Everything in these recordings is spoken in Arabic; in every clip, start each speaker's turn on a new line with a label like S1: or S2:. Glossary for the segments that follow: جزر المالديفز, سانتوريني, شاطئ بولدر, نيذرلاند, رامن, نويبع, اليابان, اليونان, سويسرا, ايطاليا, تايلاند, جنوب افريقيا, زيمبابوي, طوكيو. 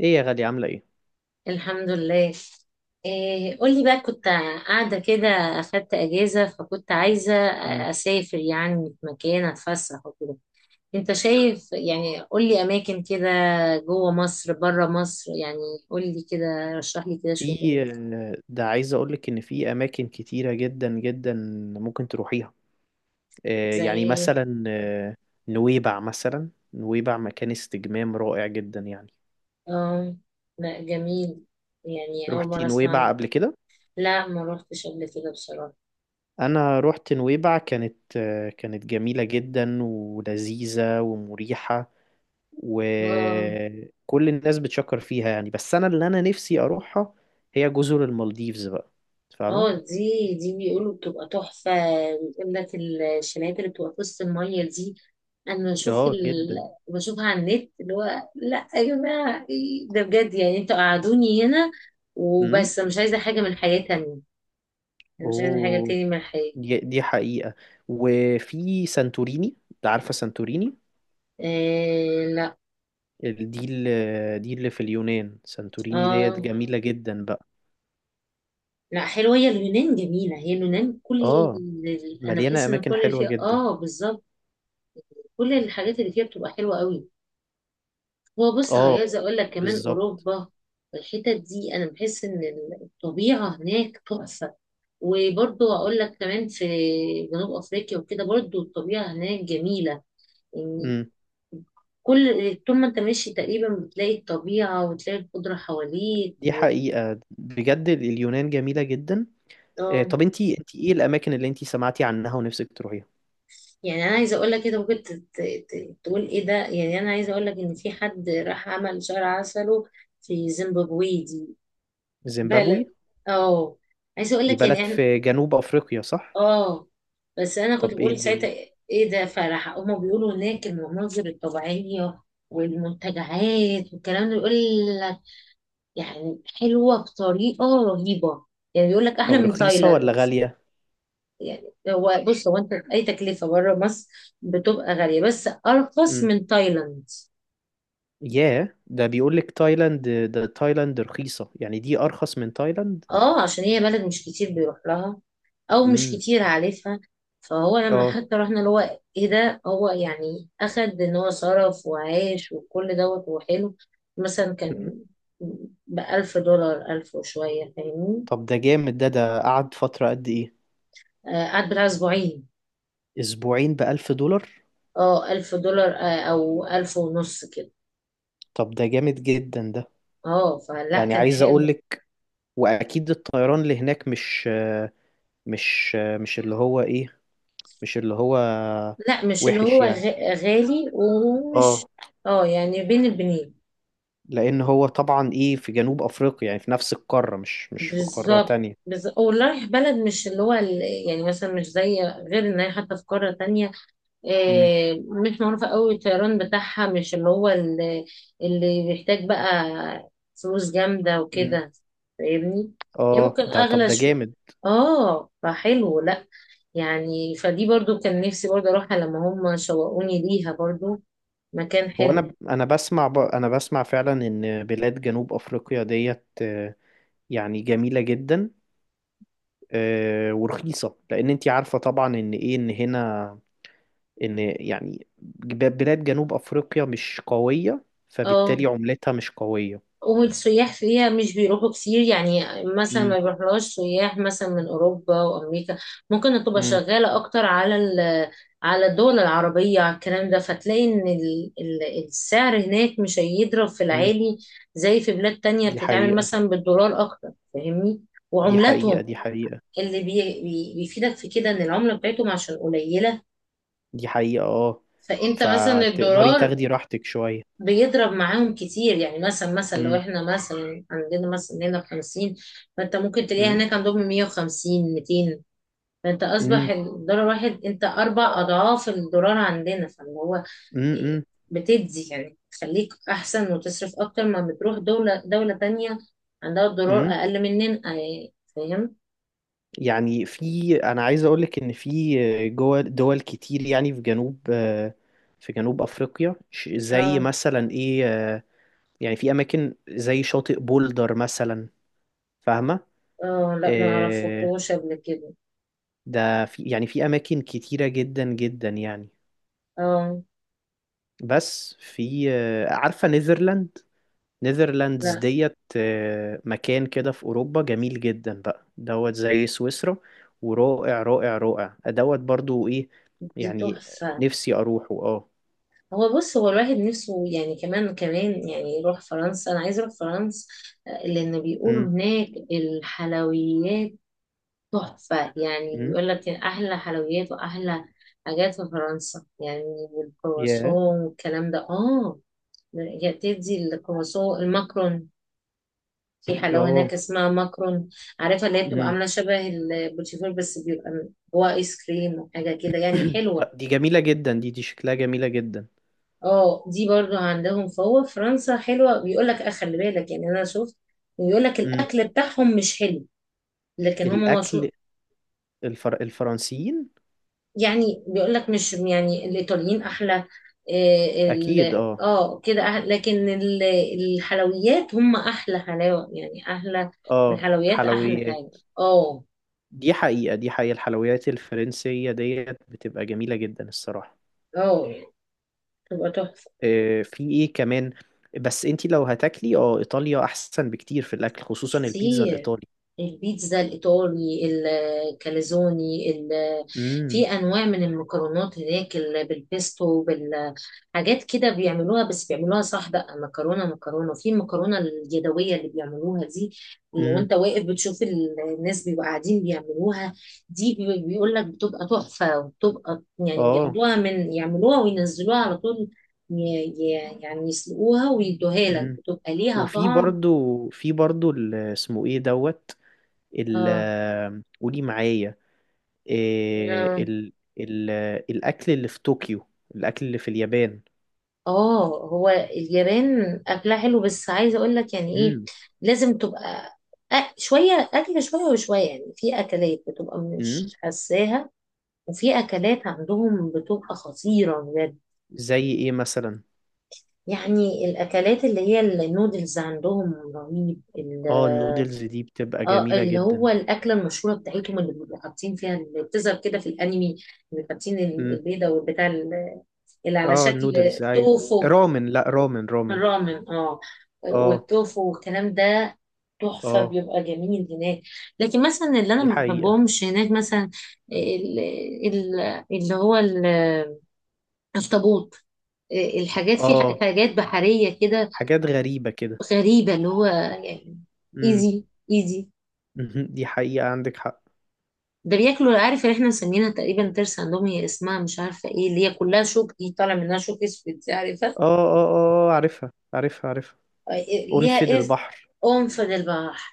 S1: ايه يا غالي، عاملة ايه؟
S2: الحمد لله. إيه قولي بقى، كنت قاعدة كده، أخدت أجازة فكنت عايزة
S1: مم.
S2: أسافر يعني في مكان أتفسح وكده. أنت شايف يعني، قولي أماكن كده، جوه مصر بره مصر يعني. قولي كده، رشح لي كده شوية
S1: في
S2: أماكن.
S1: ده عايز اقولك ان في اماكن كتيرة جدا جدا ممكن تروحيها.
S2: زي
S1: يعني
S2: إيه؟
S1: مثلا نويبع، مثلا نويبع مكان استجمام رائع جدا يعني.
S2: آه لا جميل، يعني أول
S1: روحتي
S2: مرة أسمع
S1: نويبع
S2: عنه.
S1: قبل كده؟
S2: لا ما روحتش قبل كده بصراحة.
S1: انا روحت نويبع، كانت جميلة جدا ولذيذة ومريحة،
S2: آه.
S1: وكل الناس بتشكر فيها يعني، بس انا اللي انا نفسي اروحها هي جزر المالديفز بقى.
S2: اه
S1: فاهمة؟
S2: دي بيقولوا بتبقى تحفة. بيقول لك الشنايات اللي بتبقى في وسط المية دي. أنا بشوف
S1: اه،
S2: ال...
S1: جدا.
S2: بشوفها على النت، اللي هو لأ يا جماعة إيه ده بجد، يعني انتوا قعدوني هنا
S1: مم.
S2: وبس، أنا مش عايزة حاجة من الحياة تانية. أنا مش عايزة حاجة
S1: اوه،
S2: تاني من الحياة.
S1: دي حقيقة. وفي سانتوريني، انت عارفة سانتوريني؟
S2: إيه لأ.
S1: دي اللي في اليونان، سانتوريني ديت
S2: اه
S1: جميلة جدا بقى.
S2: لأ، حلوة هي اليونان، جميلة هي اليونان.
S1: اه،
S2: أنا
S1: مليانة
S2: بحس إن
S1: اماكن
S2: كل اللي
S1: حلوة
S2: فيها
S1: جدا.
S2: بالظبط. كل الحاجات اللي فيها بتبقى حلوة قوي. هو بص،
S1: اه،
S2: عايزة اقول لك كمان
S1: بالظبط.
S2: اوروبا. الحتت دي انا بحس ان الطبيعة هناك تحفة. وبرضو اقول لك كمان في جنوب افريقيا وكده، برضو الطبيعة هناك جميلة يعني.
S1: امم
S2: كل طول ما انت ماشي تقريبا بتلاقي الطبيعة وتلاقي الخضرة حواليك
S1: دي حقيقة بجد، اليونان جميلة جدا.
S2: آه.
S1: طب انتي ايه الاماكن اللي انتي سمعتي عنها ونفسك تروحيها؟
S2: يعني انا عايزة اقول لك كده، ممكن تقول ايه ده. يعني انا عايزة اقول لك ان في حد راح عمل شهر عسله في زيمبابوي دي.
S1: زيمبابوي
S2: بلد. اه. عايزة اقول
S1: دي
S2: لك
S1: بلد
S2: يعني.
S1: في جنوب افريقيا، صح؟
S2: اه، بس انا كنت
S1: طب ايه
S2: بقول ساعتها
S1: الدنيا؟
S2: ايه ده فرح، هما بيقولوا هناك المناظر الطبيعيه والمنتجعات والكلام ده، يقول لك يعني حلوه بطريقه رهيبه. يعني بيقول لك احلى
S1: طب
S2: من
S1: رخيصة
S2: تايلاند.
S1: ولا غالية؟
S2: يعني هو بص، هو انت اي تكلفه بره مصر بتبقى غاليه، بس ارخص
S1: إمم.
S2: من تايلاند.
S1: ياه، ده بيقول لك تايلاند، ده تايلاند رخيصة يعني دي أرخص من تايلاند.
S2: اه عشان هي بلد مش كتير بيروح لها، او مش
S1: امم
S2: كتير عارفها. فهو لما
S1: اه.
S2: حتى رحنا اللي هو ايه ده، هو يعني اخد ان هو صرف وعاش وكل دوت وحلو. مثلا
S1: مم.
S2: كان بألف دولار، ألف وشوية، فاهمني؟
S1: طب ده جامد، ده قعد فترة قد إيه؟
S2: قعد بتاع أسبوعين.
S1: أسبوعين بألف دولار؟
S2: اه ألف دولار، أو ألف ونص كده.
S1: طب ده جامد جدا ده.
S2: اه فلا
S1: يعني
S2: كان
S1: عايز أقول
S2: حلو.
S1: لك، وأكيد الطيران اللي هناك مش اللي هو إيه، مش اللي هو
S2: لا مش اللي
S1: وحش
S2: هو
S1: يعني.
S2: غالي ومش.
S1: اه.
S2: اه يعني بين البنين.
S1: لأن هو طبعا إيه في جنوب أفريقيا، يعني في نفس القارة، مش في قارة
S2: بالظبط.
S1: تانية.
S2: ورايح بلد مش اللي هو ال... يعني مثلا مش زي، غير ان هي حتى في قارة تانية.
S1: امم
S2: مش معروفة قوي الطيران بتاعها، مش اللي هو اللي، اللي بيحتاج بقى فلوس جامدة
S1: امم
S2: وكده، فاهمني؟ يعني
S1: اه،
S2: ممكن
S1: ده طب
S2: اغلى
S1: ده
S2: شو.
S1: جامد.
S2: اه فحلو لا، يعني فدي برضو كان نفسي برضو اروحها لما هم شوقوني ليها برضو. مكان
S1: هو
S2: حلو.
S1: انا، بسمع فعلا ان بلاد جنوب افريقيا ديت يعني جميله جدا. ورخيصه، لان انت عارفه طبعا ان ايه ان هنا، ان يعني بلاد جنوب افريقيا مش قويه،
S2: اه
S1: فبالتالي عملتها مش قويه.
S2: والسياح فيها مش بيروحوا كتير يعني، مثلا ما
S1: امم
S2: بيروحلهاش سياح مثلا من أوروبا وأمريكا. ممكن تبقى
S1: امم
S2: شغالة أكتر على على الدول العربية، على الكلام ده، فتلاقي إن السعر هناك مش هيضرب في
S1: امم
S2: العالي زي في بلاد تانية
S1: دي
S2: بتتعامل
S1: حقيقه،
S2: مثلا بالدولار أكتر، فاهمني؟
S1: دي
S2: وعملاتهم
S1: حقيقه، دي حقيقه،
S2: اللي بيفيدك في كده إن العملة بتاعتهم عشان قليلة.
S1: دي حقيقه. اه،
S2: فأنت مثلا
S1: فتقدري
S2: الدولار
S1: تاخدي راحتك شويه.
S2: بيضرب معاهم كتير. يعني مثلا لو
S1: امم
S2: احنا مثلا عندنا مثلا هنا بخمسين، فانت ممكن تلاقيها
S1: امم
S2: هناك عندهم مية وخمسين، ميتين. فانت اصبح
S1: امم
S2: الدولار واحد، انت اربع اضعاف الدولار عندنا، فاللي هو إيه،
S1: امم
S2: بتدي يعني تخليك احسن وتصرف اكتر ما بتروح دولة تانية عندها الدولار
S1: امم.
S2: اقل مننا، فاهم؟
S1: يعني انا عايز اقول لك ان في جوه دول كتير يعني، في جنوب افريقيا، زي
S2: اه.
S1: مثلا ايه؟ يعني في اماكن زي شاطئ بولدر مثلا، فاهمه؟
S2: اه لا ما
S1: إيه
S2: عرفتوش قبل كده.
S1: ده، في يعني في اماكن كتيره جدا جدا يعني.
S2: اه.
S1: بس في عارفه نيذرلاند؟ نيذرلاندز
S2: لا
S1: ديت مكان كده في أوروبا جميل جدا بقى، زي سويسرا، ورائع رائع رائع، برضو إيه
S2: دي
S1: يعني،
S2: تحفة.
S1: نفسي أروحه. اه.
S2: هو بص، هو الواحد نفسه يعني كمان يعني يروح فرنسا، انا عايز اروح فرنسا. لان بيقولوا
S1: امم.
S2: هناك الحلويات تحفة. يعني
S1: امم.
S2: بيقول لك احلى حلويات واحلى حاجات في فرنسا يعني،
S1: ياه.
S2: والكرواسون والكلام ده اه. يا بتدي الكرواسون، الماكرون، في حلاوة
S1: اه.
S2: هناك اسمها ماكرون. عارفة اللي هي بتبقى
S1: امم.
S2: عاملة شبه البوتيفور بس بيبقى جواه ايس كريم وحاجة كده، يعني حلوة.
S1: دي جميلة جدا، دي شكلها جميلة جدا.
S2: اه. دي برضو عندهم، فهو فرنسا حلوة. بيقول لك اه خلي بالك، يعني انا شفت، ويقول لك
S1: امم
S2: الاكل بتاعهم مش حلو، لكن هم
S1: الأكل،
S2: مشهور.
S1: الفرنسيين.
S2: يعني بيقول لك مش يعني، الايطاليين احلى. إيه
S1: أكيد، اه،
S2: اه كده أحلى، لكن الحلويات هم احلى حلاوة، يعني احلى
S1: اه،
S2: الحلويات احلى
S1: حلويات.
S2: حاجة. اه.
S1: دي حقيقة، دي حقيقة، الحلويات الفرنسية ديت بتبقى جميلة جدا الصراحة.
S2: اه تبقى تحفة.
S1: في ايه كمان؟ بس انتي لو هتاكلي ايطاليا احسن بكتير في الاكل، خصوصا البيتزا
S2: كتير
S1: الايطالي.
S2: البيتزا الإيطالي، الكاليزوني ال-.
S1: امم.
S2: في أنواع من المكرونات هناك بالبيستو، بالحاجات كده بيعملوها، بس بيعملوها صح بقى. مكرونة في المكرونة اليدوية اللي بيعملوها دي، اللي
S1: امم.
S2: وانت واقف بتشوف الناس بيبقوا قاعدين بيعملوها دي. بيقول لك بتبقى تحفة، وبتبقى يعني
S1: اه.
S2: بياخدوها من يعملوها وينزلوها على طول. ي- يعني يسلقوها ويدوها لك،
S1: امم.
S2: بتبقى ليها
S1: وفي
S2: طعم.
S1: برضو في برضو ال- اسمه ايه دوت ال
S2: اه.
S1: آه، قولي معايا. إيه
S2: آه.
S1: ال ال آه، الاكل اللي في طوكيو، الاكل اللي في اليابان.
S2: اه هو اليابان اكلها حلو، بس عايزه اقول لك يعني ايه،
S1: امم.
S2: لازم تبقى شويه اكل شويه وشويه. يعني في اكلات بتبقى
S1: امم.
S2: مش حساها، وفي اكلات عندهم بتبقى خطيره بجد.
S1: زي ايه مثلا؟
S2: يعني الاكلات اللي هي النودلز عندهم رهيب ال-.
S1: اه، النودلز دي بتبقى
S2: اه
S1: جميلة
S2: اللي هو
S1: جدا.
S2: الاكله المشهوره بتاعتهم اللي بيبقوا حاطين فيها، اللي بتظهر كده في الانمي، اللي حاطين
S1: امم.
S2: البيضه والبتاع ال-، اللي على
S1: اه،
S2: شكل
S1: النودلز، ايوه.
S2: توفو.
S1: رامن، لا، رامن رامن.
S2: الرامن اه،
S1: اه.
S2: والتوفو والكلام ده تحفة،
S1: اه،
S2: بيبقى جميل هناك. لكن مثلا اللي انا
S1: دي
S2: ما
S1: حقيقة.
S2: بحبهمش هناك مثلا ال- ال- اللي هو ال- الطابوت، الحاجات في
S1: اه،
S2: حاجات بحرية كده،
S1: حاجات غريبة كده.
S2: غريبة. اللي هو يعني
S1: امم.
S2: ايزي ايزي.
S1: مهم. دي حقيقة، عندك حق.
S2: ده بياكلوا، عارف اللي احنا مسمينها تقريبا ترس عندهم، هي اسمها مش عارفة ايه، اللي هي كلها شوك دي، طالع منها شوك اسود، عارفة؟
S1: اه، اه، اه، عارفها، عارفها، عارفها.
S2: ليها
S1: قنفذ
S2: إذ،
S1: البحر.
S2: أنف للبحر،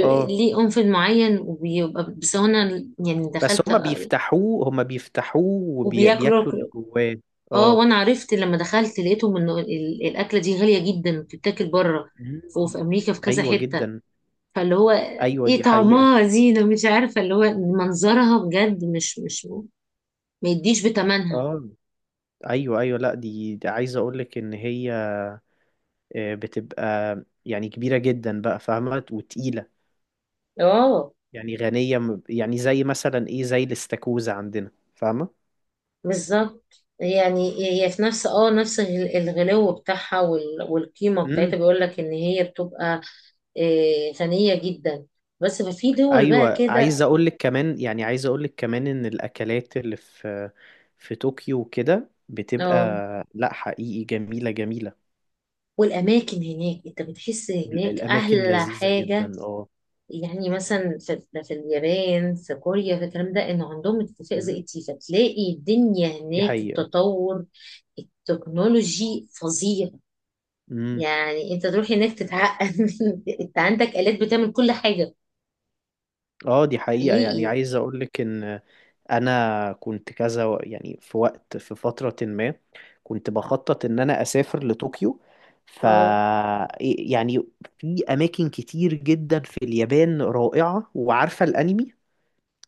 S1: اه،
S2: أنف معين وبيبقى، بس هو أنا يعني
S1: بس
S2: دخلت،
S1: هما بيفتحوه
S2: وبياكلوا
S1: وبياكلوا اللي جواه.
S2: اه
S1: اه.
S2: وانا عرفت لما دخلت لقيتهم ان الاكله دي غاليه جدا، بتتاكل بره وفي
S1: مم.
S2: امريكا في كذا
S1: ايوه
S2: حته.
S1: جدا.
S2: فاللي هو
S1: ايوه،
S2: ايه،
S1: دي حقيقة.
S2: طعمها زينه، مش عارفه اللي هو منظرها بجد مش ما يديش بتمنها.
S1: اه، ايوه، ايوه، لا دي، دي عايز اقولك ان هي بتبقى يعني كبيرة جدا بقى، فاهمة، وتقيلة.
S2: اه
S1: يعني غنية، يعني زي مثلا ايه، زي الاستاكوزا عندنا، فاهمة؟
S2: بالظبط يعني. هي في نفس اه نفس الغلو بتاعها والقيمة بتاعتها، بيقول لك ان هي بتبقى غنية جدا. بس ففي دول بقى
S1: ايوه،
S2: كده.
S1: عايز اقول لك كمان، يعني عايز اقول لك كمان ان الاكلات اللي في، في طوكيو وكده بتبقى،
S2: اه
S1: لا حقيقي جميله جميله.
S2: والاماكن هناك، انت بتحس هناك
S1: الاماكن
S2: احلى
S1: لذيذه
S2: حاجة.
S1: جدا، اه.
S2: يعني مثلا في اليابان، في كوريا، في الكلام ده، انه عندهم اتفاق زي
S1: أمم،
S2: التيفا، تلاقي الدنيا
S1: دي
S2: هناك
S1: حقيقه.
S2: التطور التكنولوجي فظيع.
S1: امم
S2: يعني انت تروح هناك تتعقد انت عندك آلات بتعمل كل حاجة.
S1: اه، دي حقيقه. يعني
S2: حقيقي.
S1: عايز اقول لك ان انا كنت كذا يعني في وقت، في فتره ما كنت بخطط ان انا اسافر لطوكيو. ف
S2: اه.
S1: يعني في اماكن كتير جدا في اليابان رائعه، وعارفه الانمي.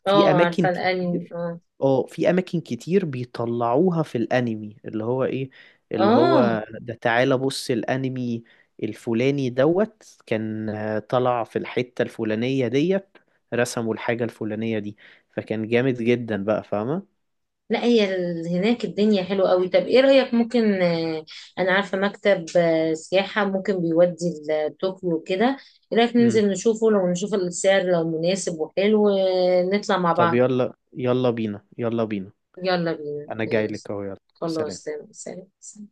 S1: في
S2: اه
S1: اماكن
S2: عارفة الأنمي
S1: كتير.
S2: اه.
S1: اه، في اماكن كتير بيطلعوها في الانمي، اللي هو ايه، اللي
S2: اه
S1: هو ده تعالى بص الانمي الفلاني كان طلع في الحتة الفلانية ديت، رسموا الحاجة الفلانية دي، فكان جامد جدا بقى، فاهمة.
S2: لا هي ال- هناك الدنيا حلوة قوي. طب ايه رأيك؟ ممكن انا عارفة مكتب سياحة ممكن بيودي لطوكيو كده. ايه رأيك
S1: امم
S2: ننزل نشوفه، لو نشوف السعر لو مناسب وحلو، نطلع مع
S1: طب
S2: بعض.
S1: يلا، يلا بينا، يلا بينا.
S2: يلا بينا
S1: انا جاي لك
S2: ماشي.
S1: اهو، يلا. سلام.
S2: خلاص، سلام سلام.